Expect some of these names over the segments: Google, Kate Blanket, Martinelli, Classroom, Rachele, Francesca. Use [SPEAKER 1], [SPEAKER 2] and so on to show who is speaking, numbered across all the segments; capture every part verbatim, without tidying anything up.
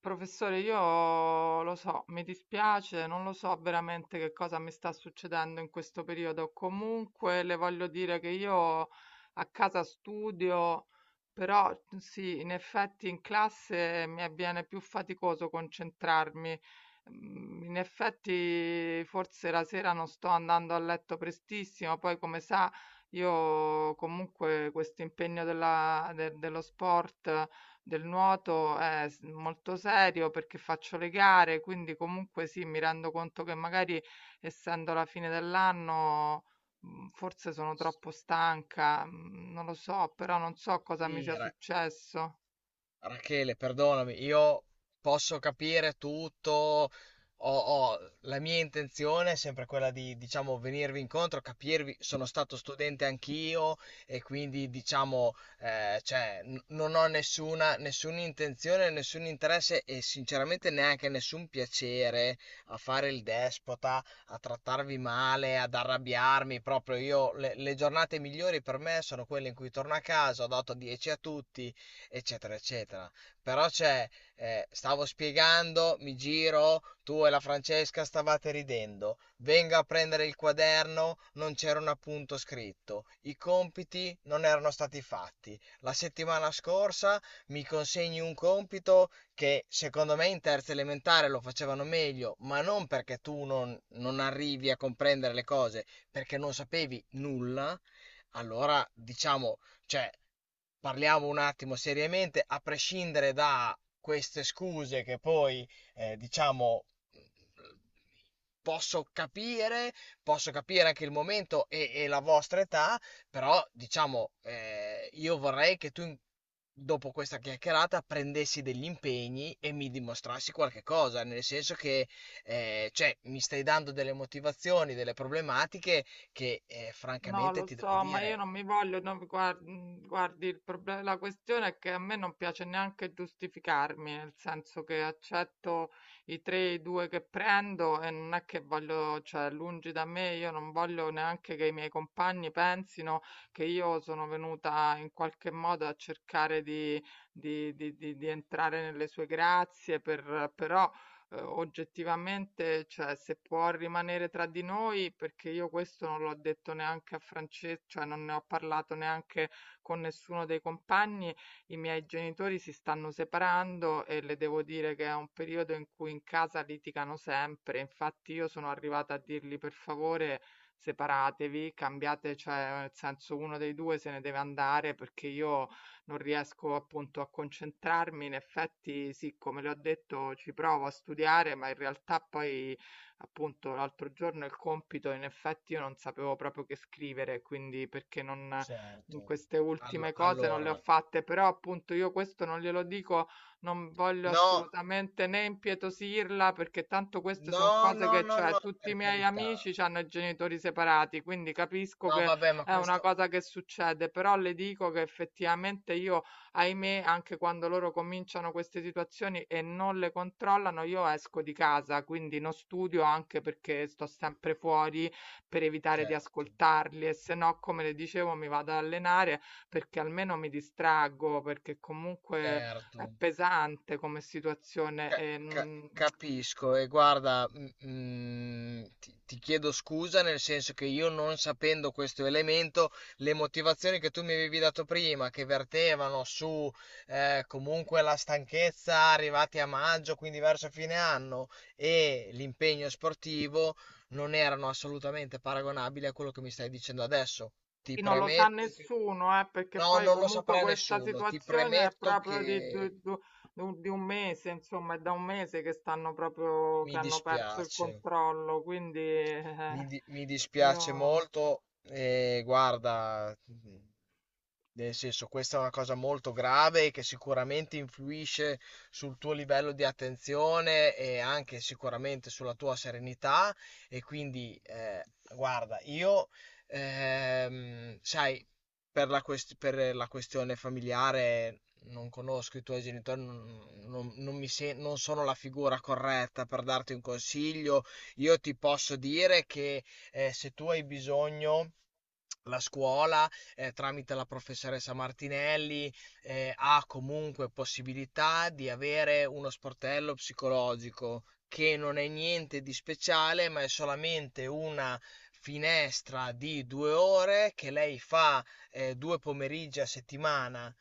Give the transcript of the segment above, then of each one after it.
[SPEAKER 1] Professore, io lo so, mi dispiace, non lo so veramente che cosa mi sta succedendo in questo periodo. Comunque le voglio dire che io a casa studio, però mhmm, sì, in effetti in classe mi avviene più faticoso concentrarmi. Mm, In effetti forse la sera non sto andando a letto prestissimo, poi come sa io comunque questo impegno della- de- dello sport del nuoto è s- molto serio perché faccio le gare, quindi comunque sì, mi rendo conto che magari essendo la fine dell'anno mh, forse sono troppo stanca, mh, non lo so, però non so cosa mi
[SPEAKER 2] Sì,
[SPEAKER 1] sia
[SPEAKER 2] Ra-
[SPEAKER 1] successo.
[SPEAKER 2] Rachele, perdonami, io posso capire tutto, ho- ho- la mia intenzione è sempre quella di, diciamo, venirvi incontro, capirvi, sono stato studente anch'io e quindi, diciamo, eh, cioè, n- non ho nessuna, nessuna intenzione, nessun interesse e sinceramente neanche nessun piacere a fare il despota, a trattarvi male, ad arrabbiarmi, proprio io, le, le giornate migliori per me sono quelle in cui torno a casa, ho dato dieci a tutti, eccetera, eccetera. Però c'è, eh, stavo spiegando, mi giro, tu e la Francesca stavate ridendo, vengo a prendere il quaderno, non c'era un appunto scritto, i compiti non erano stati fatti. La settimana scorsa mi consegni un compito che secondo me in terza elementare lo facevano meglio, ma non perché tu non, non arrivi a comprendere le cose, perché non sapevi nulla. Allora, diciamo, cioè, parliamo un attimo seriamente, a prescindere da queste scuse che poi, eh, diciamo, posso capire, posso capire anche il momento e, e la vostra età, però, diciamo, eh, io vorrei che tu, in- dopo questa chiacchierata, prendessi degli impegni e mi dimostrassi qualche cosa, nel senso che, eh, cioè, mi stai dando delle motivazioni, delle problematiche che, eh,
[SPEAKER 1] No,
[SPEAKER 2] francamente,
[SPEAKER 1] lo
[SPEAKER 2] ti devo
[SPEAKER 1] so, ma io
[SPEAKER 2] dire.
[SPEAKER 1] non mi voglio, no, guard- mm, guardi, il problema, la questione è che a me non piace neanche giustificarmi, nel senso che accetto i tre, i due che prendo e non è che voglio, cioè, lungi da me, io non voglio neanche che i miei compagni pensino che io sono venuta in qualche modo a cercare di, di- di- di- di entrare nelle sue grazie, per, però eh, oggettivamente, cioè, se può rimanere tra di noi, perché io questo non l'ho detto neanche a Francesco, cioè non ne ho parlato neanche con nessuno dei compagni, i miei genitori si stanno separando e le devo dire che è un periodo in cui in casa litigano sempre. Infatti io sono arrivata a dirgli per favore separatevi, cambiate, cioè nel senso uno dei due se ne deve andare perché io non riesco appunto a concentrarmi. In effetti sì, come le ho detto, ci provo a studiare, ma in realtà poi appunto l'altro giorno il compito, in effetti io non sapevo proprio che scrivere, quindi perché non mhmm,
[SPEAKER 2] Certo.
[SPEAKER 1] queste
[SPEAKER 2] Allo-
[SPEAKER 1] ultime cose non le ho
[SPEAKER 2] allora,
[SPEAKER 1] fatte, però appunto io questo non glielo dico, non voglio
[SPEAKER 2] no,
[SPEAKER 1] assolutamente né impietosirla, perché tanto queste
[SPEAKER 2] no,
[SPEAKER 1] sono cose
[SPEAKER 2] no,
[SPEAKER 1] che,
[SPEAKER 2] no,
[SPEAKER 1] cioè,
[SPEAKER 2] no,
[SPEAKER 1] tutti i
[SPEAKER 2] per
[SPEAKER 1] miei
[SPEAKER 2] carità.
[SPEAKER 1] amici hanno i genitori separati, quindi capisco
[SPEAKER 2] No,
[SPEAKER 1] che
[SPEAKER 2] vabbè, ma
[SPEAKER 1] è una
[SPEAKER 2] questo...
[SPEAKER 1] cosa che succede, però le dico che effettivamente io, ahimè, anche quando loro cominciano queste situazioni e non le controllano, io esco di casa, quindi non studio anche perché sto sempre fuori per evitare di
[SPEAKER 2] Certo,
[SPEAKER 1] ascoltarli e se no, come le dicevo, mi vado ad allenare perché almeno mi distraggo, perché comunque è
[SPEAKER 2] certo.
[SPEAKER 1] pesante come situazione
[SPEAKER 2] Ca-
[SPEAKER 1] e,
[SPEAKER 2] ca-
[SPEAKER 1] mm,
[SPEAKER 2] Capisco e guarda, mm, mm, ti, ti chiedo scusa nel senso che io non sapendo questo elemento, le motivazioni che tu mi avevi dato prima, che vertevano su eh, comunque la stanchezza arrivati a maggio, quindi verso fine anno, e l'impegno sportivo, non erano assolutamente paragonabili a quello che mi stai dicendo adesso. Ti
[SPEAKER 1] Sì, non lo sa
[SPEAKER 2] premetto che...
[SPEAKER 1] nessuno, eh, perché
[SPEAKER 2] No,
[SPEAKER 1] poi
[SPEAKER 2] non lo
[SPEAKER 1] comunque
[SPEAKER 2] saprà
[SPEAKER 1] questa
[SPEAKER 2] nessuno, ti
[SPEAKER 1] situazione è
[SPEAKER 2] premetto
[SPEAKER 1] proprio di, du-
[SPEAKER 2] che
[SPEAKER 1] du- du- di un mese, insomma, è da un mese che stanno proprio,
[SPEAKER 2] mi
[SPEAKER 1] che hanno perso il
[SPEAKER 2] dispiace.
[SPEAKER 1] controllo, quindi
[SPEAKER 2] Mi,
[SPEAKER 1] eh,
[SPEAKER 2] di- mi dispiace
[SPEAKER 1] io,
[SPEAKER 2] molto, e guarda, nel senso, questa è una cosa molto grave che sicuramente influisce sul tuo livello di attenzione e anche sicuramente sulla tua serenità. E quindi, eh, guarda, io, ehm, sai, per la, quest- per la questione familiare non conosco i tuoi genitori, non, non- non mi sen- non sono la figura corretta per darti un consiglio. Io ti posso dire che eh, se tu hai bisogno, la scuola, eh, tramite la professoressa Martinelli, eh, ha comunque possibilità di avere uno sportello psicologico che non è niente di speciale, ma è solamente una finestra di due ore che lei fa eh, due pomeriggi a settimana,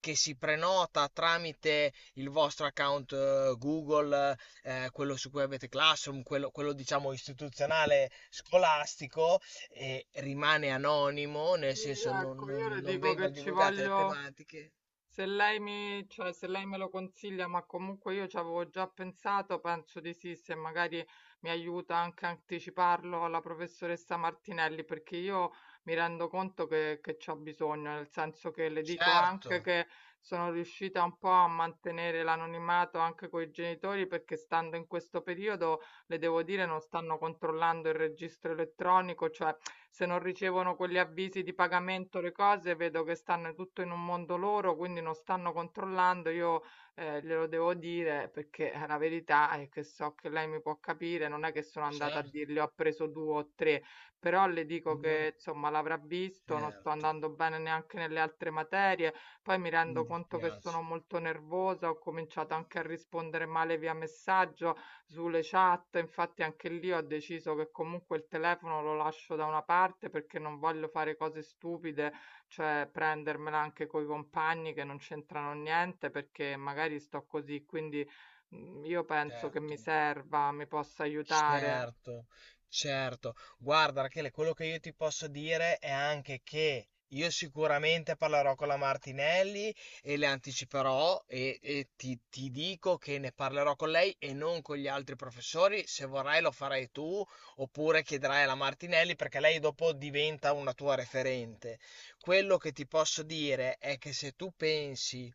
[SPEAKER 2] che si prenota tramite il vostro account eh, Google, eh, quello su cui avete Classroom, quello, quello, diciamo istituzionale scolastico, e rimane anonimo, nel
[SPEAKER 1] sì,
[SPEAKER 2] senso non,
[SPEAKER 1] ecco, io
[SPEAKER 2] non-
[SPEAKER 1] le
[SPEAKER 2] non
[SPEAKER 1] dico
[SPEAKER 2] vengono
[SPEAKER 1] che ci
[SPEAKER 2] divulgate le
[SPEAKER 1] voglio,
[SPEAKER 2] tematiche.
[SPEAKER 1] se lei mi, cioè, se lei me lo consiglia, ma comunque io ci avevo già pensato, penso di sì, se magari mi aiuta anche a anticiparlo alla professoressa Martinelli, perché io mi rendo conto che, che c'ho bisogno, nel senso che le dico
[SPEAKER 2] Certo,
[SPEAKER 1] anche che sono riuscita un po' a mantenere l'anonimato anche con i genitori, perché stando in questo periodo le devo dire, non stanno controllando il registro elettronico, cioè se non ricevono quegli avvisi di pagamento, le cose, vedo che stanno tutto in un mondo loro, quindi non stanno controllando. Io eh, glielo devo dire perché eh, la verità è che so che lei mi può capire, non è che sono andata a
[SPEAKER 2] certo,
[SPEAKER 1] dirle ho preso due o tre, però le dico
[SPEAKER 2] non
[SPEAKER 1] che insomma l'avrà visto, non sto
[SPEAKER 2] certo,
[SPEAKER 1] andando bene neanche nelle altre materie, poi mi
[SPEAKER 2] mi
[SPEAKER 1] rendo conto che
[SPEAKER 2] dispiace,
[SPEAKER 1] sono molto nervosa, ho cominciato anche a rispondere male via messaggio, sulle chat, infatti anche lì ho deciso che comunque il telefono lo lascio da una parte perché non voglio fare cose stupide, cioè prendermela anche coi compagni che non c'entrano niente perché magari sto così, quindi mm, io penso che mi
[SPEAKER 2] certo.
[SPEAKER 1] serva, mi possa aiutare.
[SPEAKER 2] Certo, certo. Guarda, Rachele, quello che io ti posso dire è anche che io sicuramente parlerò con la Martinelli e le anticiperò e, e ti, ti dico che ne parlerò con lei e non con gli altri professori. Se vorrai lo farai tu oppure chiederai alla Martinelli perché lei dopo diventa una tua referente. Quello che ti posso dire è che se tu pensi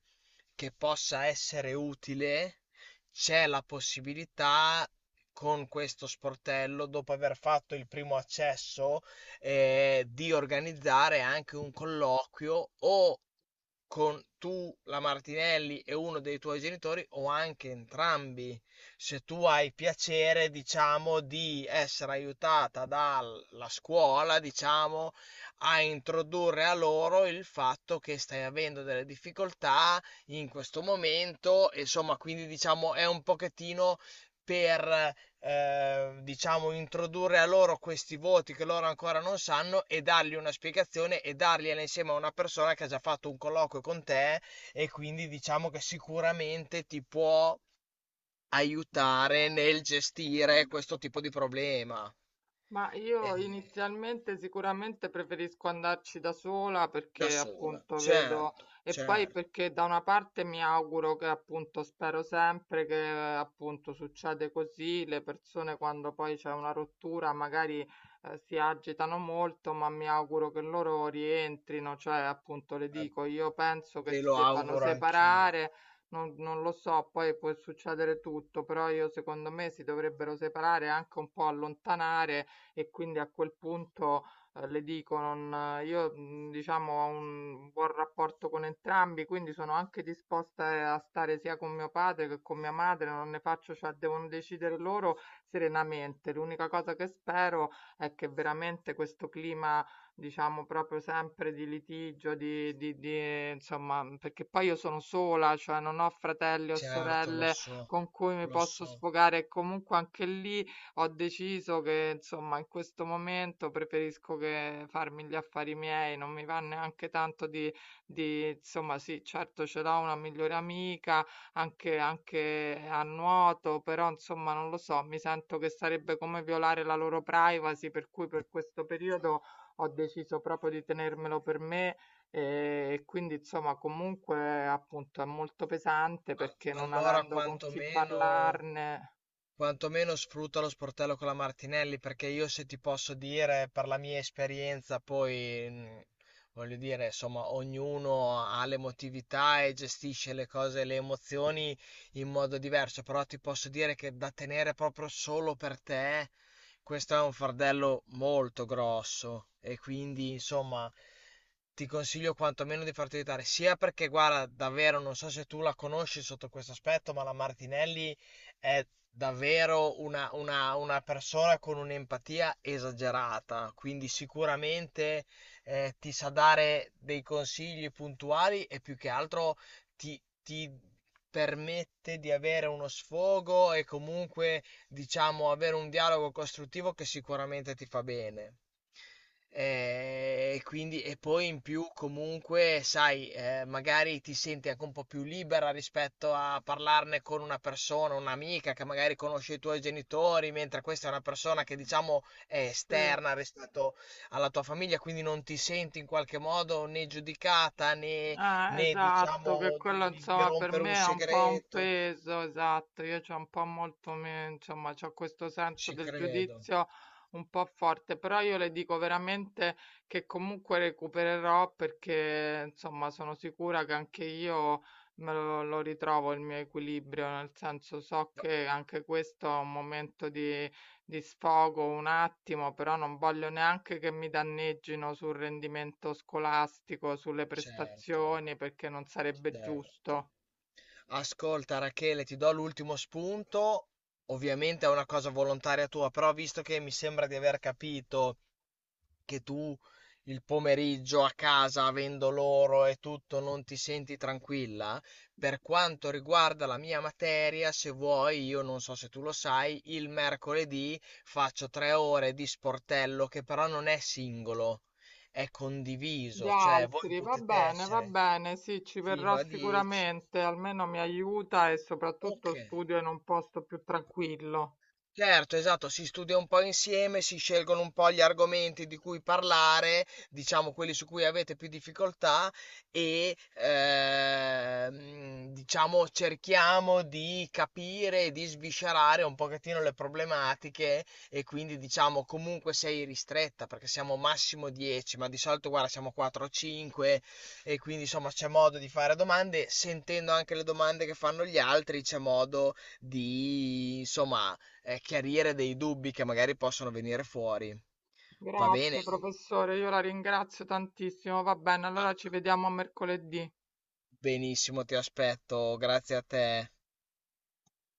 [SPEAKER 2] che possa essere utile c'è la possibilità con questo sportello, dopo aver fatto il primo accesso, eh, di organizzare anche un colloquio o con tu, la Martinelli e uno dei tuoi genitori o anche entrambi. Se tu hai piacere, diciamo, di essere aiutata dalla scuola, diciamo, a introdurre a loro il fatto che stai avendo delle difficoltà in questo momento, e insomma, quindi diciamo è un pochettino per eh, diciamo, introdurre a loro questi voti che loro ancora non sanno e dargli una spiegazione e dargliela insieme a una persona che ha già fatto un colloquio con te e quindi diciamo che sicuramente ti può aiutare nel gestire questo tipo di problema.
[SPEAKER 1] Ma
[SPEAKER 2] Eh,
[SPEAKER 1] io inizialmente sicuramente preferisco andarci da sola
[SPEAKER 2] da
[SPEAKER 1] perché
[SPEAKER 2] sola,
[SPEAKER 1] appunto vedo
[SPEAKER 2] certo,
[SPEAKER 1] e poi
[SPEAKER 2] certo.
[SPEAKER 1] perché da una parte mi auguro che appunto spero sempre che appunto succede così, le persone quando poi c'è una rottura magari eh, si agitano molto, ma mi auguro che loro rientrino, cioè appunto le
[SPEAKER 2] Eh,
[SPEAKER 1] dico, io penso che
[SPEAKER 2] Ve
[SPEAKER 1] si
[SPEAKER 2] lo
[SPEAKER 1] debbano
[SPEAKER 2] auguro anch'io.
[SPEAKER 1] separare. Non, non lo so, poi può succedere tutto, però io secondo me si dovrebbero separare e anche un po' allontanare e quindi a quel punto eh, le dico, non, io mh, diciamo ho un buon rapporto con entrambi, quindi sono anche disposta eh, a stare sia con mio padre che con mia madre, non ne faccio, cioè devono decidere loro serenamente. L'unica cosa che spero è che veramente questo clima diciamo proprio sempre di litigio, di, di, di, eh, insomma, mm, perché poi io sono sola, cioè non ho fratelli o
[SPEAKER 2] Certo, lo
[SPEAKER 1] sorelle
[SPEAKER 2] so,
[SPEAKER 1] con cui mi
[SPEAKER 2] lo
[SPEAKER 1] posso
[SPEAKER 2] so.
[SPEAKER 1] sfogare, e comunque anche lì ho deciso che, insomma, in questo momento preferisco che farmi gli affari miei, non mi va neanche tanto di, di insomma, sì, certo ce l'ho una migliore amica, anche, anche a nuoto, però, insomma, non lo so, mi sento che sarebbe come violare la loro privacy, per cui per questo periodo ho deciso proprio di tenermelo per me. E quindi insomma comunque appunto è molto pesante
[SPEAKER 2] A-
[SPEAKER 1] perché non
[SPEAKER 2] allora
[SPEAKER 1] avendo con chi
[SPEAKER 2] quantomeno
[SPEAKER 1] parlarne.
[SPEAKER 2] Quantomeno sfrutta lo sportello con la Martinelli, perché io se ti posso dire, per la mia esperienza, poi mh, voglio dire, insomma, ognuno ha l'emotività e gestisce le cose, le emozioni in modo diverso, però ti posso dire che da tenere proprio solo per te, questo è un fardello molto grosso e quindi, insomma, ti consiglio quantomeno di farti aiutare, sia perché, guarda, davvero non so se tu la conosci sotto questo aspetto, ma la Martinelli è davvero una, una- una persona con un'empatia esagerata, quindi sicuramente eh, ti sa dare dei consigli puntuali e più che altro ti, ti permette di avere uno sfogo e comunque diciamo, avere un dialogo costruttivo che sicuramente ti fa bene. Eh, E quindi, e poi in più, comunque, sai, eh, magari ti senti anche un po' più libera rispetto a parlarne con una persona, un'amica che magari conosce i tuoi genitori, mentre questa è una persona che, diciamo, è
[SPEAKER 1] Sì.
[SPEAKER 2] esterna rispetto alla tua famiglia, quindi non ti senti in qualche modo né giudicata né,
[SPEAKER 1] Eh,
[SPEAKER 2] né,
[SPEAKER 1] esatto, che
[SPEAKER 2] diciamo, di,
[SPEAKER 1] quello
[SPEAKER 2] di di
[SPEAKER 1] insomma per
[SPEAKER 2] rompere un
[SPEAKER 1] me è un po' un
[SPEAKER 2] segreto.
[SPEAKER 1] peso, esatto, io c'ho un po' molto, me- insomma, c'ho questo senso
[SPEAKER 2] Ci
[SPEAKER 1] del
[SPEAKER 2] credo,
[SPEAKER 1] giudizio un po' forte, però io le dico veramente che comunque recupererò perché insomma sono sicura che anche io me lo, lo ritrovo il mio equilibrio, nel senso so che anche questo è un momento di li sfogo un attimo, però non voglio neanche che mi danneggino sul rendimento scolastico, sulle
[SPEAKER 2] certo.
[SPEAKER 1] prestazioni, perché non sarebbe
[SPEAKER 2] Certo.
[SPEAKER 1] giusto.
[SPEAKER 2] Ascolta Rachele, ti do l'ultimo spunto. Ovviamente è una cosa volontaria tua, però visto che mi sembra di aver capito che tu il pomeriggio a casa, avendo loro e tutto, non ti senti tranquilla, per quanto riguarda la mia materia, se vuoi, io non so se tu lo sai, il mercoledì faccio tre ore di sportello che però non è singolo, è
[SPEAKER 1] Gli
[SPEAKER 2] condiviso, cioè voi
[SPEAKER 1] altri, va
[SPEAKER 2] potete
[SPEAKER 1] bene, va
[SPEAKER 2] essere
[SPEAKER 1] bene, sì, ci
[SPEAKER 2] fino
[SPEAKER 1] verrò
[SPEAKER 2] a dieci.
[SPEAKER 1] sicuramente, almeno mi aiuta e
[SPEAKER 2] Ok.
[SPEAKER 1] soprattutto studio in un posto più tranquillo.
[SPEAKER 2] Certo, esatto, si studia un po' insieme, si scelgono un po' gli argomenti di cui parlare, diciamo quelli su cui avete più difficoltà e ehm, diciamo cerchiamo di capire e di sviscerare un pochettino le problematiche e quindi diciamo comunque sei ristretta perché siamo massimo dieci, ma di solito guarda siamo quattro o cinque e quindi insomma c'è modo di fare domande, sentendo anche le domande che fanno gli altri c'è modo di insomma eh, chiarire dei dubbi che magari possono venire fuori. Va bene?
[SPEAKER 1] Grazie, professore, io la ringrazio tantissimo. Va bene,
[SPEAKER 2] Ah,
[SPEAKER 1] allora ci vediamo mercoledì.
[SPEAKER 2] benissimo, ti aspetto. Grazie a te.